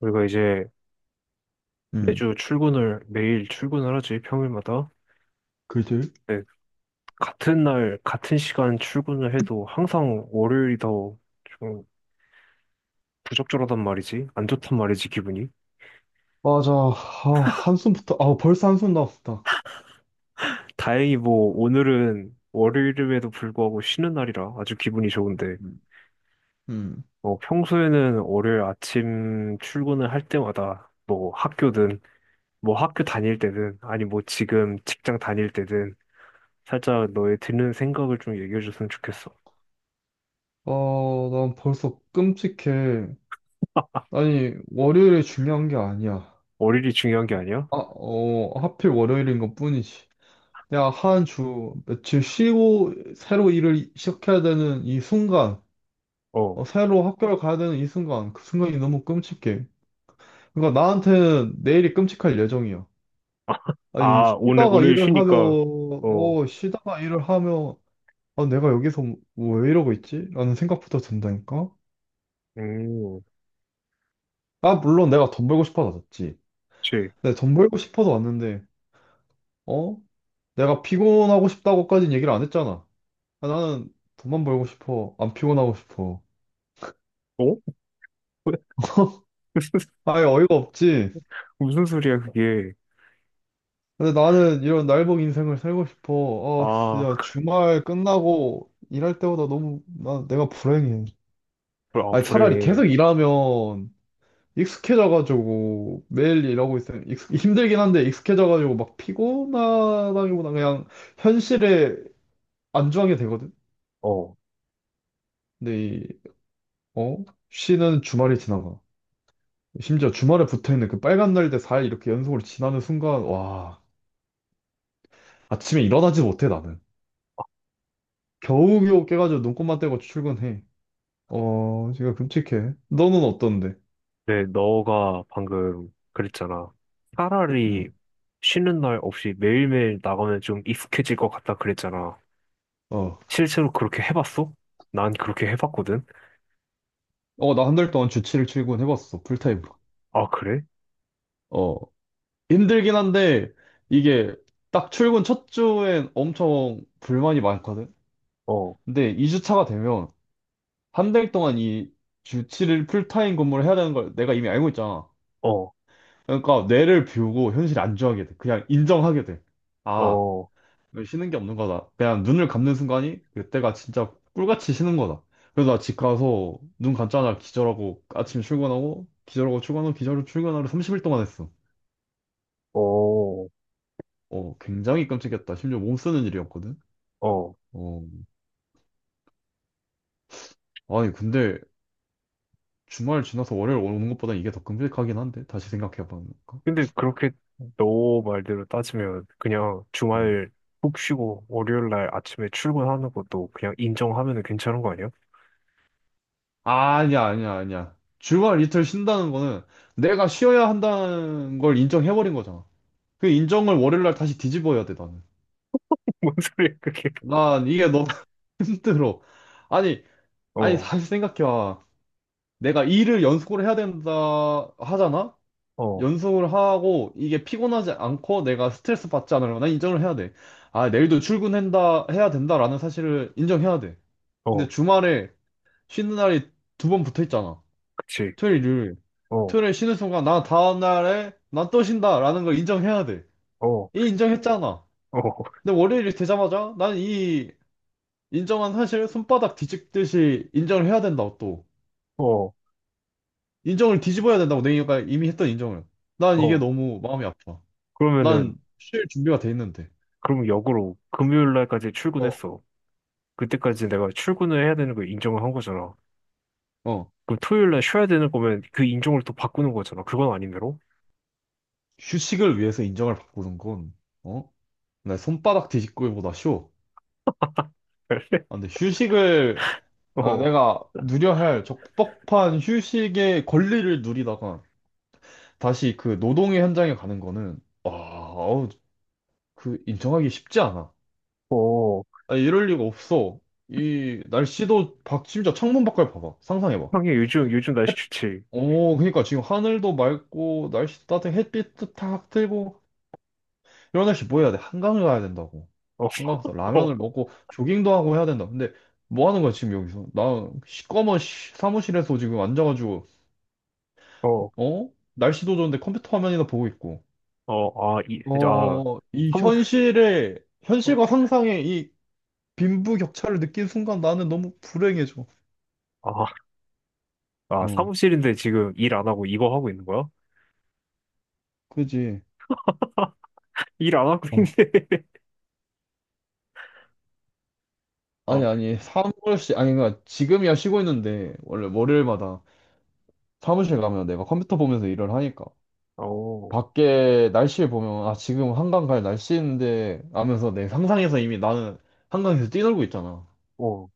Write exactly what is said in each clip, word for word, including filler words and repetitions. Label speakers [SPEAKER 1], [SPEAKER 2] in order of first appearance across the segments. [SPEAKER 1] 우리가 이제
[SPEAKER 2] 음,
[SPEAKER 1] 매주 출근을, 매일 출근을 하지, 평일마다.
[SPEAKER 2] 그지?
[SPEAKER 1] 네, 같은 날, 같은 시간 출근을 해도 항상 월요일이 더 좀 부적절하단 말이지. 안 좋단 말이지, 기분이.
[SPEAKER 2] 맞아. 아, 한숨부터, 아, 벌써 한숨 나왔다.
[SPEAKER 1] 다행히 뭐, 오늘은 월요일임에도 불구하고 쉬는 날이라 아주 기분이 좋은데,
[SPEAKER 2] 음, 음,
[SPEAKER 1] 뭐, 평소에는 월요일 아침 출근을 할 때마다 뭐, 학교든, 뭐, 학교 다닐 때든, 아니 뭐, 지금 직장 다닐 때든, 살짝 너의 드는 생각을 좀 얘기해 줬으면 좋겠어.
[SPEAKER 2] 아, 난 벌써 끔찍해. 아니, 월요일이 중요한 게 아니야.
[SPEAKER 1] 월요일이 중요한 게 아니야?
[SPEAKER 2] 아, 어, 하필 월요일인 것 뿐이지. 야, 한 주, 며칠 쉬고, 새로 일을 시작해야 되는 이 순간, 어,
[SPEAKER 1] 어.
[SPEAKER 2] 새로 학교를 가야 되는 이 순간, 그 순간이 너무 끔찍해. 그러니까 나한테는 내일이 끔찍할 예정이야. 아니,
[SPEAKER 1] 아, 오늘,
[SPEAKER 2] 쉬다가
[SPEAKER 1] 오늘
[SPEAKER 2] 일을 하며,
[SPEAKER 1] 쉬니까, 어,
[SPEAKER 2] 어, 쉬다가 일을 하며, 아, 내가 여기서 뭐, 왜 이러고 있지? 라는 생각부터 든다니까?
[SPEAKER 1] 음,
[SPEAKER 2] 아, 물론 내가 돈 벌고 싶어서 왔지.
[SPEAKER 1] 그치.
[SPEAKER 2] 내가 돈 벌고 싶어서 왔는데, 어? 내가 피곤하고 싶다고까지는 얘기를 안 했잖아. 아, 나는 돈만 벌고 싶어. 안 피곤하고 싶어.
[SPEAKER 1] 어?
[SPEAKER 2] 아예 어이가 없지.
[SPEAKER 1] 무슨, 무슨 소리야, 그게.
[SPEAKER 2] 근데 나는 이런 날복 인생을 살고 싶어. 아,
[SPEAKER 1] 아,
[SPEAKER 2] 진짜 주말 끝나고 일할 때보다 너무, 나, 내가 불행해.
[SPEAKER 1] 불- 아,
[SPEAKER 2] 아니, 차라리
[SPEAKER 1] 불행해.
[SPEAKER 2] 계속 일하면 익숙해져가지고 매일 일하고 있으면 익숙, 힘들긴 한데 익숙해져가지고 막 피곤하다기보다 그냥 현실에 안주하게 되거든.
[SPEAKER 1] 어.
[SPEAKER 2] 근데 이, 어? 쉬는 주말이 지나가. 심지어 주말에 붙어있는 그 빨간 날대 사 일 이렇게 연속으로 지나는 순간 와 아침에 일어나지 못해 나는. 겨우겨우 깨가지고 눈곱만 떼고 출근해. 어 지금 끔찍해. 너는 어떤데?
[SPEAKER 1] 네, 너가 방금 그랬잖아.
[SPEAKER 2] 응.
[SPEAKER 1] 차라리 쉬는 날 없이 매일매일 나가면 좀 익숙해질 것 같다 그랬잖아.
[SPEAKER 2] 어.
[SPEAKER 1] 실제로 그렇게 해봤어? 난 그렇게 해봤거든.
[SPEAKER 2] 어, 나 한 달 동안 주 칠 일 출근해봤어. 풀타임으로.
[SPEAKER 1] 아, 그래?
[SPEAKER 2] 어. 힘들긴 한데 이게 딱 출근 첫 주엔 엄청 불만이 많거든.
[SPEAKER 1] 어,
[SPEAKER 2] 근데 이 주 차가 되면 한 달 동안 이 주 칠 일 풀타임 근무를 해야 되는 걸 내가 이미 알고 있잖아.
[SPEAKER 1] 어,
[SPEAKER 2] 그러니까 뇌를 비우고 현실에 안주하게 돼. 그냥 인정하게 돼. 아,
[SPEAKER 1] 어,
[SPEAKER 2] 이거 쉬는 게 없는 거다. 그냥 눈을 감는 순간이 그때가 진짜 꿀같이 쉬는 거다. 그래서 나 집 가서 눈 감자마자 기절하고 아침 출근하고 기절하고 출근하고 기절하고 출근하고 삼십 일 동안 했어.
[SPEAKER 1] 어,
[SPEAKER 2] 어, 굉장히 끔찍했다. 심지어 몸 쓰는 일이었거든.
[SPEAKER 1] 어.
[SPEAKER 2] 어, 아니, 근데 주말 지나서 월요일 오는 것보다 이게 더 끔찍하긴 한데, 다시 생각해 보니까.
[SPEAKER 1] 근데 그렇게 너 말대로 따지면 그냥
[SPEAKER 2] 어.
[SPEAKER 1] 주말 푹 쉬고 월요일 날 아침에 출근하는 것도 그냥 인정하면 괜찮은 거 아니야?
[SPEAKER 2] 아니야, 아니야, 아니야. 주말 이틀 쉰다는 거는 내가 쉬어야 한다는 걸 인정해버린 거잖아. 그 인정을 월요일 날 다시 뒤집어야 돼, 나는.
[SPEAKER 1] 뭔 소리야 그게?
[SPEAKER 2] 난 이게 너무 힘들어. 아니, 아니,
[SPEAKER 1] 어,
[SPEAKER 2] 다시 생각해봐. 내가 일을 연속으로 해야 된다 하잖아?
[SPEAKER 1] 어,
[SPEAKER 2] 연속을 하고 이게 피곤하지 않고 내가 스트레스 받지 않으려면 난 인정을 해야 돼. 아, 내일도 출근한다, 해야 된다라는 사실을 인정해야 돼.
[SPEAKER 1] 어,
[SPEAKER 2] 근데 주말에 쉬는 날이 두 번 붙어 있잖아.
[SPEAKER 1] 그치.
[SPEAKER 2] 토요일, 일요일.
[SPEAKER 1] 어,
[SPEAKER 2] 토요일에 쉬는 순간 나 다음 날에 난 또 쉰다라는 걸 인정해야 돼.
[SPEAKER 1] 어,
[SPEAKER 2] 이 인정했잖아.
[SPEAKER 1] 어,
[SPEAKER 2] 근데 월요일이 되자마자 난 이 인정한 사실을 손바닥 뒤집듯이 인정을 해야 된다고 또.
[SPEAKER 1] 어,
[SPEAKER 2] 인정을 뒤집어야 된다고 내가 이미 했던 인정을. 난 이게
[SPEAKER 1] 어.
[SPEAKER 2] 너무 마음이 아파.
[SPEAKER 1] 그러면은
[SPEAKER 2] 난 쉴 준비가 돼 있는데.
[SPEAKER 1] 그럼 역으로 금요일 날까지
[SPEAKER 2] 어,
[SPEAKER 1] 출근했어. 그때까지 내가 출근을 해야 되는 걸 인정을 한 거잖아.
[SPEAKER 2] 어.
[SPEAKER 1] 그럼 토요일 날 쉬어야 되는 거면 그 인정을 또 바꾸는 거잖아. 그건 아닌데로?
[SPEAKER 2] 휴식을 위해서 인정을 바꾸는 건, 어? 나 손바닥 뒤집기보다 쉬워. 아, 근데 휴식을 아,
[SPEAKER 1] 어,
[SPEAKER 2] 내가 누려야 할 적법한 휴식의 권리를 누리다가 다시 그 노동의 현장에 가는 거는 아, 어우, 그 인정하기 쉽지 않아.
[SPEAKER 1] 어.
[SPEAKER 2] 아, 이럴 리가 없어. 이 날씨도 밖 심지어 창문 밖을 봐봐. 상상해봐.
[SPEAKER 1] 형이 요즘 요즘
[SPEAKER 2] 햇-
[SPEAKER 1] 날씨 좋지.
[SPEAKER 2] 어, 그러니까 지금 하늘도 맑고 날씨 따뜻해 햇빛도 탁 들고 이런 날씨 뭐 해야 돼? 한강을 가야 된다고.
[SPEAKER 1] 어.
[SPEAKER 2] 한강 가서 라면을 먹고 조깅도 하고 해야 된다. 근데 뭐 하는 거야 지금 여기서? 나 시꺼먼 시- 사무실에서 지금 앉아가지고
[SPEAKER 1] 어,
[SPEAKER 2] 어? 날씨도 좋은데 컴퓨터 화면이나 보고 있고.
[SPEAKER 1] 어, 아, 이, 아,
[SPEAKER 2] 어, 이
[SPEAKER 1] 사무,
[SPEAKER 2] 현실의,
[SPEAKER 1] 어,
[SPEAKER 2] 현실과 상상의 이 빈부격차를 느낀 순간 나는 너무 불행해져.
[SPEAKER 1] 아, 아,
[SPEAKER 2] 어,
[SPEAKER 1] 사무실인데 지금 일 안 하고 이거 하고 있는 거야?
[SPEAKER 2] 그지.
[SPEAKER 1] 일 안 하고
[SPEAKER 2] 어,
[SPEAKER 1] 있는데. 아,
[SPEAKER 2] 아니,
[SPEAKER 1] 그-
[SPEAKER 2] 아니, 사무실, 아니, 그러니까 지금이야 쉬고 있는데, 원래 월요일마다 사무실 가면 내가 컴퓨터 보면서 일을 하니까.
[SPEAKER 1] 어,
[SPEAKER 2] 밖에 날씨 보면, 아, 지금 한강 갈 날씨인데, 하면서 내 상상에서 이미 나는 한강에서 뛰놀고 있잖아.
[SPEAKER 1] 어,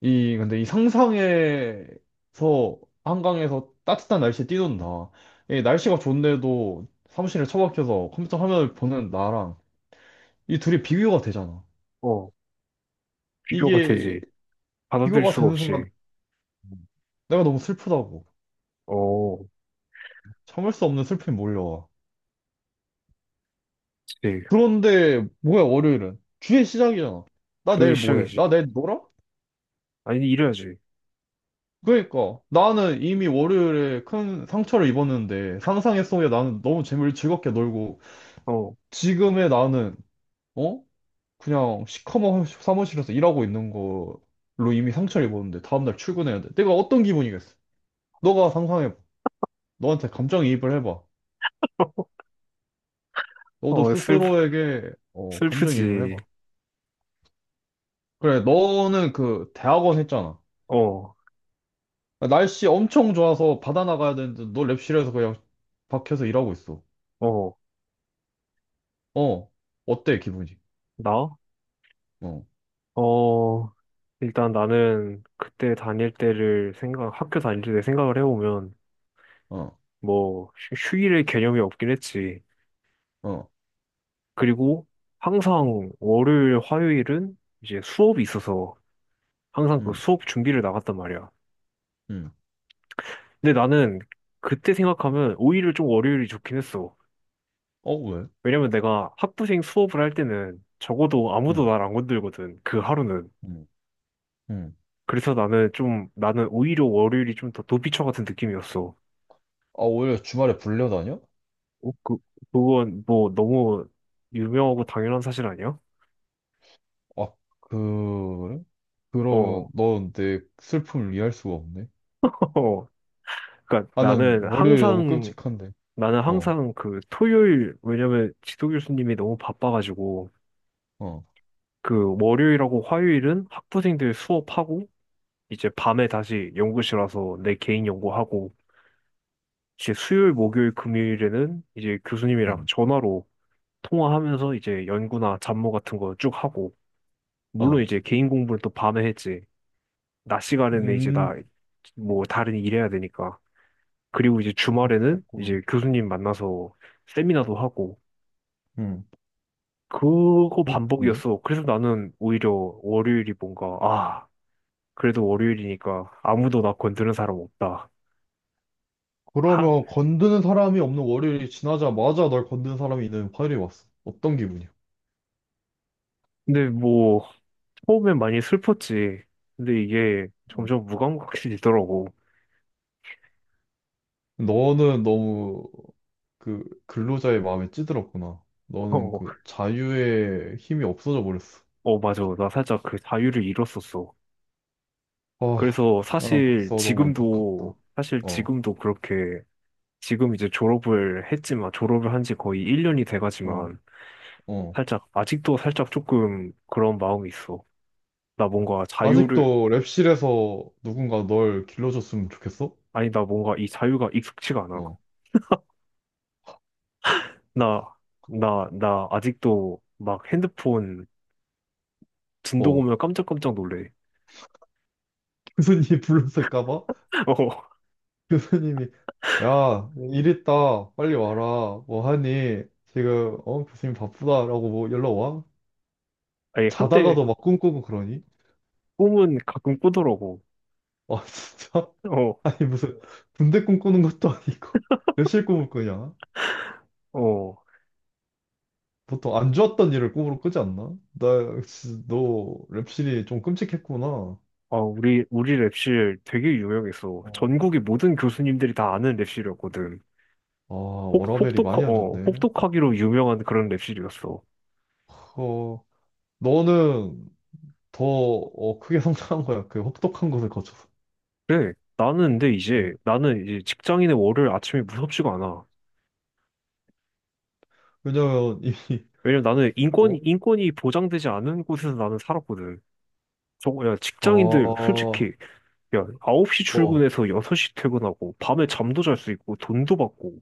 [SPEAKER 2] 이, 근데 이 상상에서, 한강에서 따뜻한 날씨에 뛰는다. 이 날씨가 좋은데도 사무실에 처박혀서 컴퓨터 화면을 보는 나랑 이 둘이 비교가 되잖아.
[SPEAKER 1] 어, 비교가 되지.
[SPEAKER 2] 이게
[SPEAKER 1] 받아들일
[SPEAKER 2] 비교가
[SPEAKER 1] 수가
[SPEAKER 2] 되는
[SPEAKER 1] 없이.
[SPEAKER 2] 순간 내가 너무 슬프다고.
[SPEAKER 1] 어,
[SPEAKER 2] 참을 수 없는 슬픔이 몰려와.
[SPEAKER 1] 그치.
[SPEAKER 2] 그런데 뭐야, 월요일은? 주의 시작이잖아. 나
[SPEAKER 1] 주의
[SPEAKER 2] 내일 뭐 해?
[SPEAKER 1] 시작이지.
[SPEAKER 2] 나 내일 놀아?
[SPEAKER 1] 아니, 이래야지.
[SPEAKER 2] 그러니까 나는 이미 월요일에 큰 상처를 입었는데 상상의 속에 나는 너무 재미를 즐겁게 놀고
[SPEAKER 1] 어,
[SPEAKER 2] 지금의 나는 어? 그냥 시커먼 사무실에서 일하고 있는 걸로 이미 상처를 입었는데 다음날 출근해야 돼. 내가 어떤 기분이겠어? 너가 상상해봐. 너한테 감정이입을 해봐. 너도
[SPEAKER 1] 어, 슬프,
[SPEAKER 2] 스스로에게 어, 감정이입을
[SPEAKER 1] 슬프지.
[SPEAKER 2] 해봐. 그래, 너는 그 대학원 했잖아.
[SPEAKER 1] 어,
[SPEAKER 2] 날씨 엄청 좋아서 바다 나가야 되는데 너 랩실에서 그냥 박혀서 일하고 있어.
[SPEAKER 1] 어,
[SPEAKER 2] 어, 어때 기분이?
[SPEAKER 1] 나?
[SPEAKER 2] 어,
[SPEAKER 1] 어, 일단 나는 그때 다닐 때를 생각, 학교 다닐 때 생각을 해보면,
[SPEAKER 2] 어,
[SPEAKER 1] 뭐, 휴- 휴일의 개념이 없긴 했지.
[SPEAKER 2] 어,
[SPEAKER 1] 그리고 항상 월요일, 화요일은 이제 수업이 있어서 항상 그
[SPEAKER 2] 음,
[SPEAKER 1] 수업 준비를 나갔단 말이야.
[SPEAKER 2] 음.
[SPEAKER 1] 근데 나는 그때 생각하면 오히려 좀 월요일이 좋긴 했어.
[SPEAKER 2] 어, 왜?
[SPEAKER 1] 왜냐면 내가 학부생 수업을 할 때는 적어도 아무도
[SPEAKER 2] 음,
[SPEAKER 1] 날 안 건들거든. 그 하루는.
[SPEAKER 2] 음, 음.
[SPEAKER 1] 그래서 나는 좀, 나는 오히려 월요일이 좀 더 도피처 같은 느낌이었어.
[SPEAKER 2] 아, 오히려 주말에 불려다녀?
[SPEAKER 1] 어, 그, 그건 뭐 너무 유명하고 당연한 사실 아니야?
[SPEAKER 2] 아, 그래? 그러면
[SPEAKER 1] 어,
[SPEAKER 2] 넌 내 슬픔을 이해할 수가 없네.
[SPEAKER 1] 그러니까
[SPEAKER 2] 아, 난
[SPEAKER 1] 나는
[SPEAKER 2] 월요일이 너무
[SPEAKER 1] 항상
[SPEAKER 2] 끔찍한데.
[SPEAKER 1] 나는
[SPEAKER 2] 어,
[SPEAKER 1] 항상 그 토요일, 왜냐면 지도 교수님이 너무 바빠가지고
[SPEAKER 2] 어,
[SPEAKER 1] 그 월요일하고 화요일은 학부생들 수업하고 이제 밤에 다시 연구실 와서 내 개인 연구하고 이제 수요일, 목요일, 금요일에는 이제 교수님이랑
[SPEAKER 2] 음,
[SPEAKER 1] 전화로 통화하면서 이제 연구나 잡무 같은 거 쭉 하고 물론
[SPEAKER 2] 어.
[SPEAKER 1] 이제 개인 공부는 또 밤에 했지. 낮 시간에는 이제 나
[SPEAKER 2] 음,
[SPEAKER 1] 뭐 다른 일 해야 되니까. 그리고 이제 주말에는
[SPEAKER 2] 됐구나.
[SPEAKER 1] 이제 교수님 만나서 세미나도 하고
[SPEAKER 2] 음.
[SPEAKER 1] 그거
[SPEAKER 2] 어, 근데?
[SPEAKER 1] 반복이었어. 그래서 나는 오히려 월요일이 뭔가, 아, 그래도 월요일이니까 아무도 나 건드는 사람 없다. 하,
[SPEAKER 2] 그러면 건드는 사람이 없는 월요일이 지나자마자 널 건드는 사람이 있는 화요일이 왔어. 어떤 기분이야?
[SPEAKER 1] 근데 뭐, 처음엔 많이 슬펐지. 근데 이게
[SPEAKER 2] 음.
[SPEAKER 1] 점점 무감각해지더라고.
[SPEAKER 2] 너는 너무 그 근로자의 마음에 찌들었구나. 너는
[SPEAKER 1] 어,
[SPEAKER 2] 그 자유의 힘이 없어져 버렸어.
[SPEAKER 1] 어, 맞아. 나 살짝 그 자유를 잃었었어.
[SPEAKER 2] 아,
[SPEAKER 1] 그래서
[SPEAKER 2] 아, 난
[SPEAKER 1] 사실
[SPEAKER 2] 벌써 너무
[SPEAKER 1] 지금도,
[SPEAKER 2] 안타깝다.
[SPEAKER 1] 사실
[SPEAKER 2] 어,
[SPEAKER 1] 지금도 그렇게, 지금 이제 졸업을 했지만, 졸업을 한지 거의 일 년이
[SPEAKER 2] 어,
[SPEAKER 1] 돼가지만,
[SPEAKER 2] 어.
[SPEAKER 1] 살짝, 아직도 살짝 조금 그런 마음이 있어. 나 뭔가 자유를,
[SPEAKER 2] 아직도 랩실에서 누군가 널 길러줬으면 좋겠어?
[SPEAKER 1] 아니, 나 뭔가 이 자유가 익숙치가 않아.
[SPEAKER 2] 어,
[SPEAKER 1] 나, 나, 나 아직도 막 핸드폰 진동
[SPEAKER 2] 어.
[SPEAKER 1] 오면 깜짝깜짝 놀래.
[SPEAKER 2] 교수님 불렀을까 봐?
[SPEAKER 1] 어,
[SPEAKER 2] 교수님이, 야, 일 있다. 빨리 와라. 뭐 하니? 지금, 어, 교수님 바쁘다라고 뭐 연락 와?
[SPEAKER 1] 아니, 한때
[SPEAKER 2] 자다가도 막 꿈꾸고 그러니?
[SPEAKER 1] 꿈은 가끔 꾸더라고.
[SPEAKER 2] 아, 진짜?
[SPEAKER 1] 어,
[SPEAKER 2] 아니, 무슨, 군대 꿈꾸는 것도 아니고, 랩실 꿈을 꾸냐?
[SPEAKER 1] 어.
[SPEAKER 2] 보통 안 좋았던 일을 꿈으로 꾸지 않나? 나, 진짜 너 랩실이 좀 끔찍했구나.
[SPEAKER 1] 아, 우리, 우리 랩실 되게 유명했어.
[SPEAKER 2] 어.
[SPEAKER 1] 전국의 모든 교수님들이 다 아는 랩실이었거든.
[SPEAKER 2] 아,
[SPEAKER 1] 혹,
[SPEAKER 2] 워라밸이
[SPEAKER 1] 혹독하,
[SPEAKER 2] 많이 안
[SPEAKER 1] 어,
[SPEAKER 2] 좋네.
[SPEAKER 1] 혹독하기로 유명한 그런 랩실이었어.
[SPEAKER 2] 너는 더 어, 크게 성장한 거야. 그 혹독한 곳을 거쳐서.
[SPEAKER 1] 그래, 나는 근데 이제,
[SPEAKER 2] 음.
[SPEAKER 1] 나는 이제 직장인의 월요일 아침이 무섭지가 않아.
[SPEAKER 2] 왜냐면 이미
[SPEAKER 1] 왜냐면 나는
[SPEAKER 2] 어?
[SPEAKER 1] 인권이, 인권이 보장되지 않은 곳에서 나는 살았거든. 정, 야,
[SPEAKER 2] 아...
[SPEAKER 1] 직장인들
[SPEAKER 2] 어,
[SPEAKER 1] 솔직히 야, 아홉 시 출근해서 여섯 시 퇴근하고 밤에 잠도 잘 수 있고 돈도 받고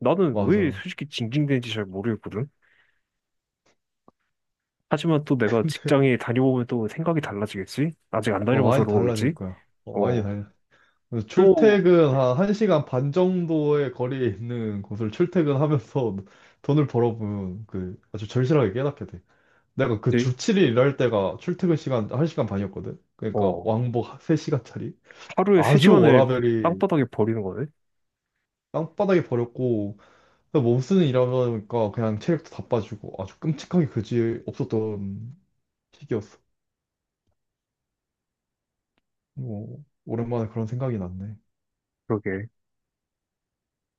[SPEAKER 1] 나는 왜
[SPEAKER 2] 맞아.
[SPEAKER 1] 솔직히 징징대는지 잘 모르겠거든. 하지만 또 내가
[SPEAKER 2] 근데
[SPEAKER 1] 직장에 다녀보면 또 생각이 달라지겠지? 아직 안
[SPEAKER 2] 어,
[SPEAKER 1] 다녀봐서
[SPEAKER 2] 많이
[SPEAKER 1] 그런
[SPEAKER 2] 달라질
[SPEAKER 1] 거겠지?
[SPEAKER 2] 거야. 어, 많이
[SPEAKER 1] 어,
[SPEAKER 2] 달라. 그래서
[SPEAKER 1] 또,
[SPEAKER 2] 출퇴근 한 1시간 반 정도의 거리에 있는 곳을 출퇴근하면서 돈을 벌어보면 그 아주 절실하게 깨닫게 돼. 내가 그
[SPEAKER 1] 이제,
[SPEAKER 2] 주 칠 일 일할 때가 출퇴근 시간 한 시간 반이었거든. 그러니까
[SPEAKER 1] 어,
[SPEAKER 2] 왕복 세 시간짜리.
[SPEAKER 1] 하루에
[SPEAKER 2] 아주
[SPEAKER 1] 세 시간을
[SPEAKER 2] 워라밸이
[SPEAKER 1] 땅바닥에 버리는 거네?
[SPEAKER 2] 땅바닥에 버렸고 그래서 몸쓰는 일하니까 그냥 체력도 다 빠지고 아주 끔찍하게 그지 없었던 시기였어. 뭐 오랜만에 그런 생각이 났네.
[SPEAKER 1] 그러게.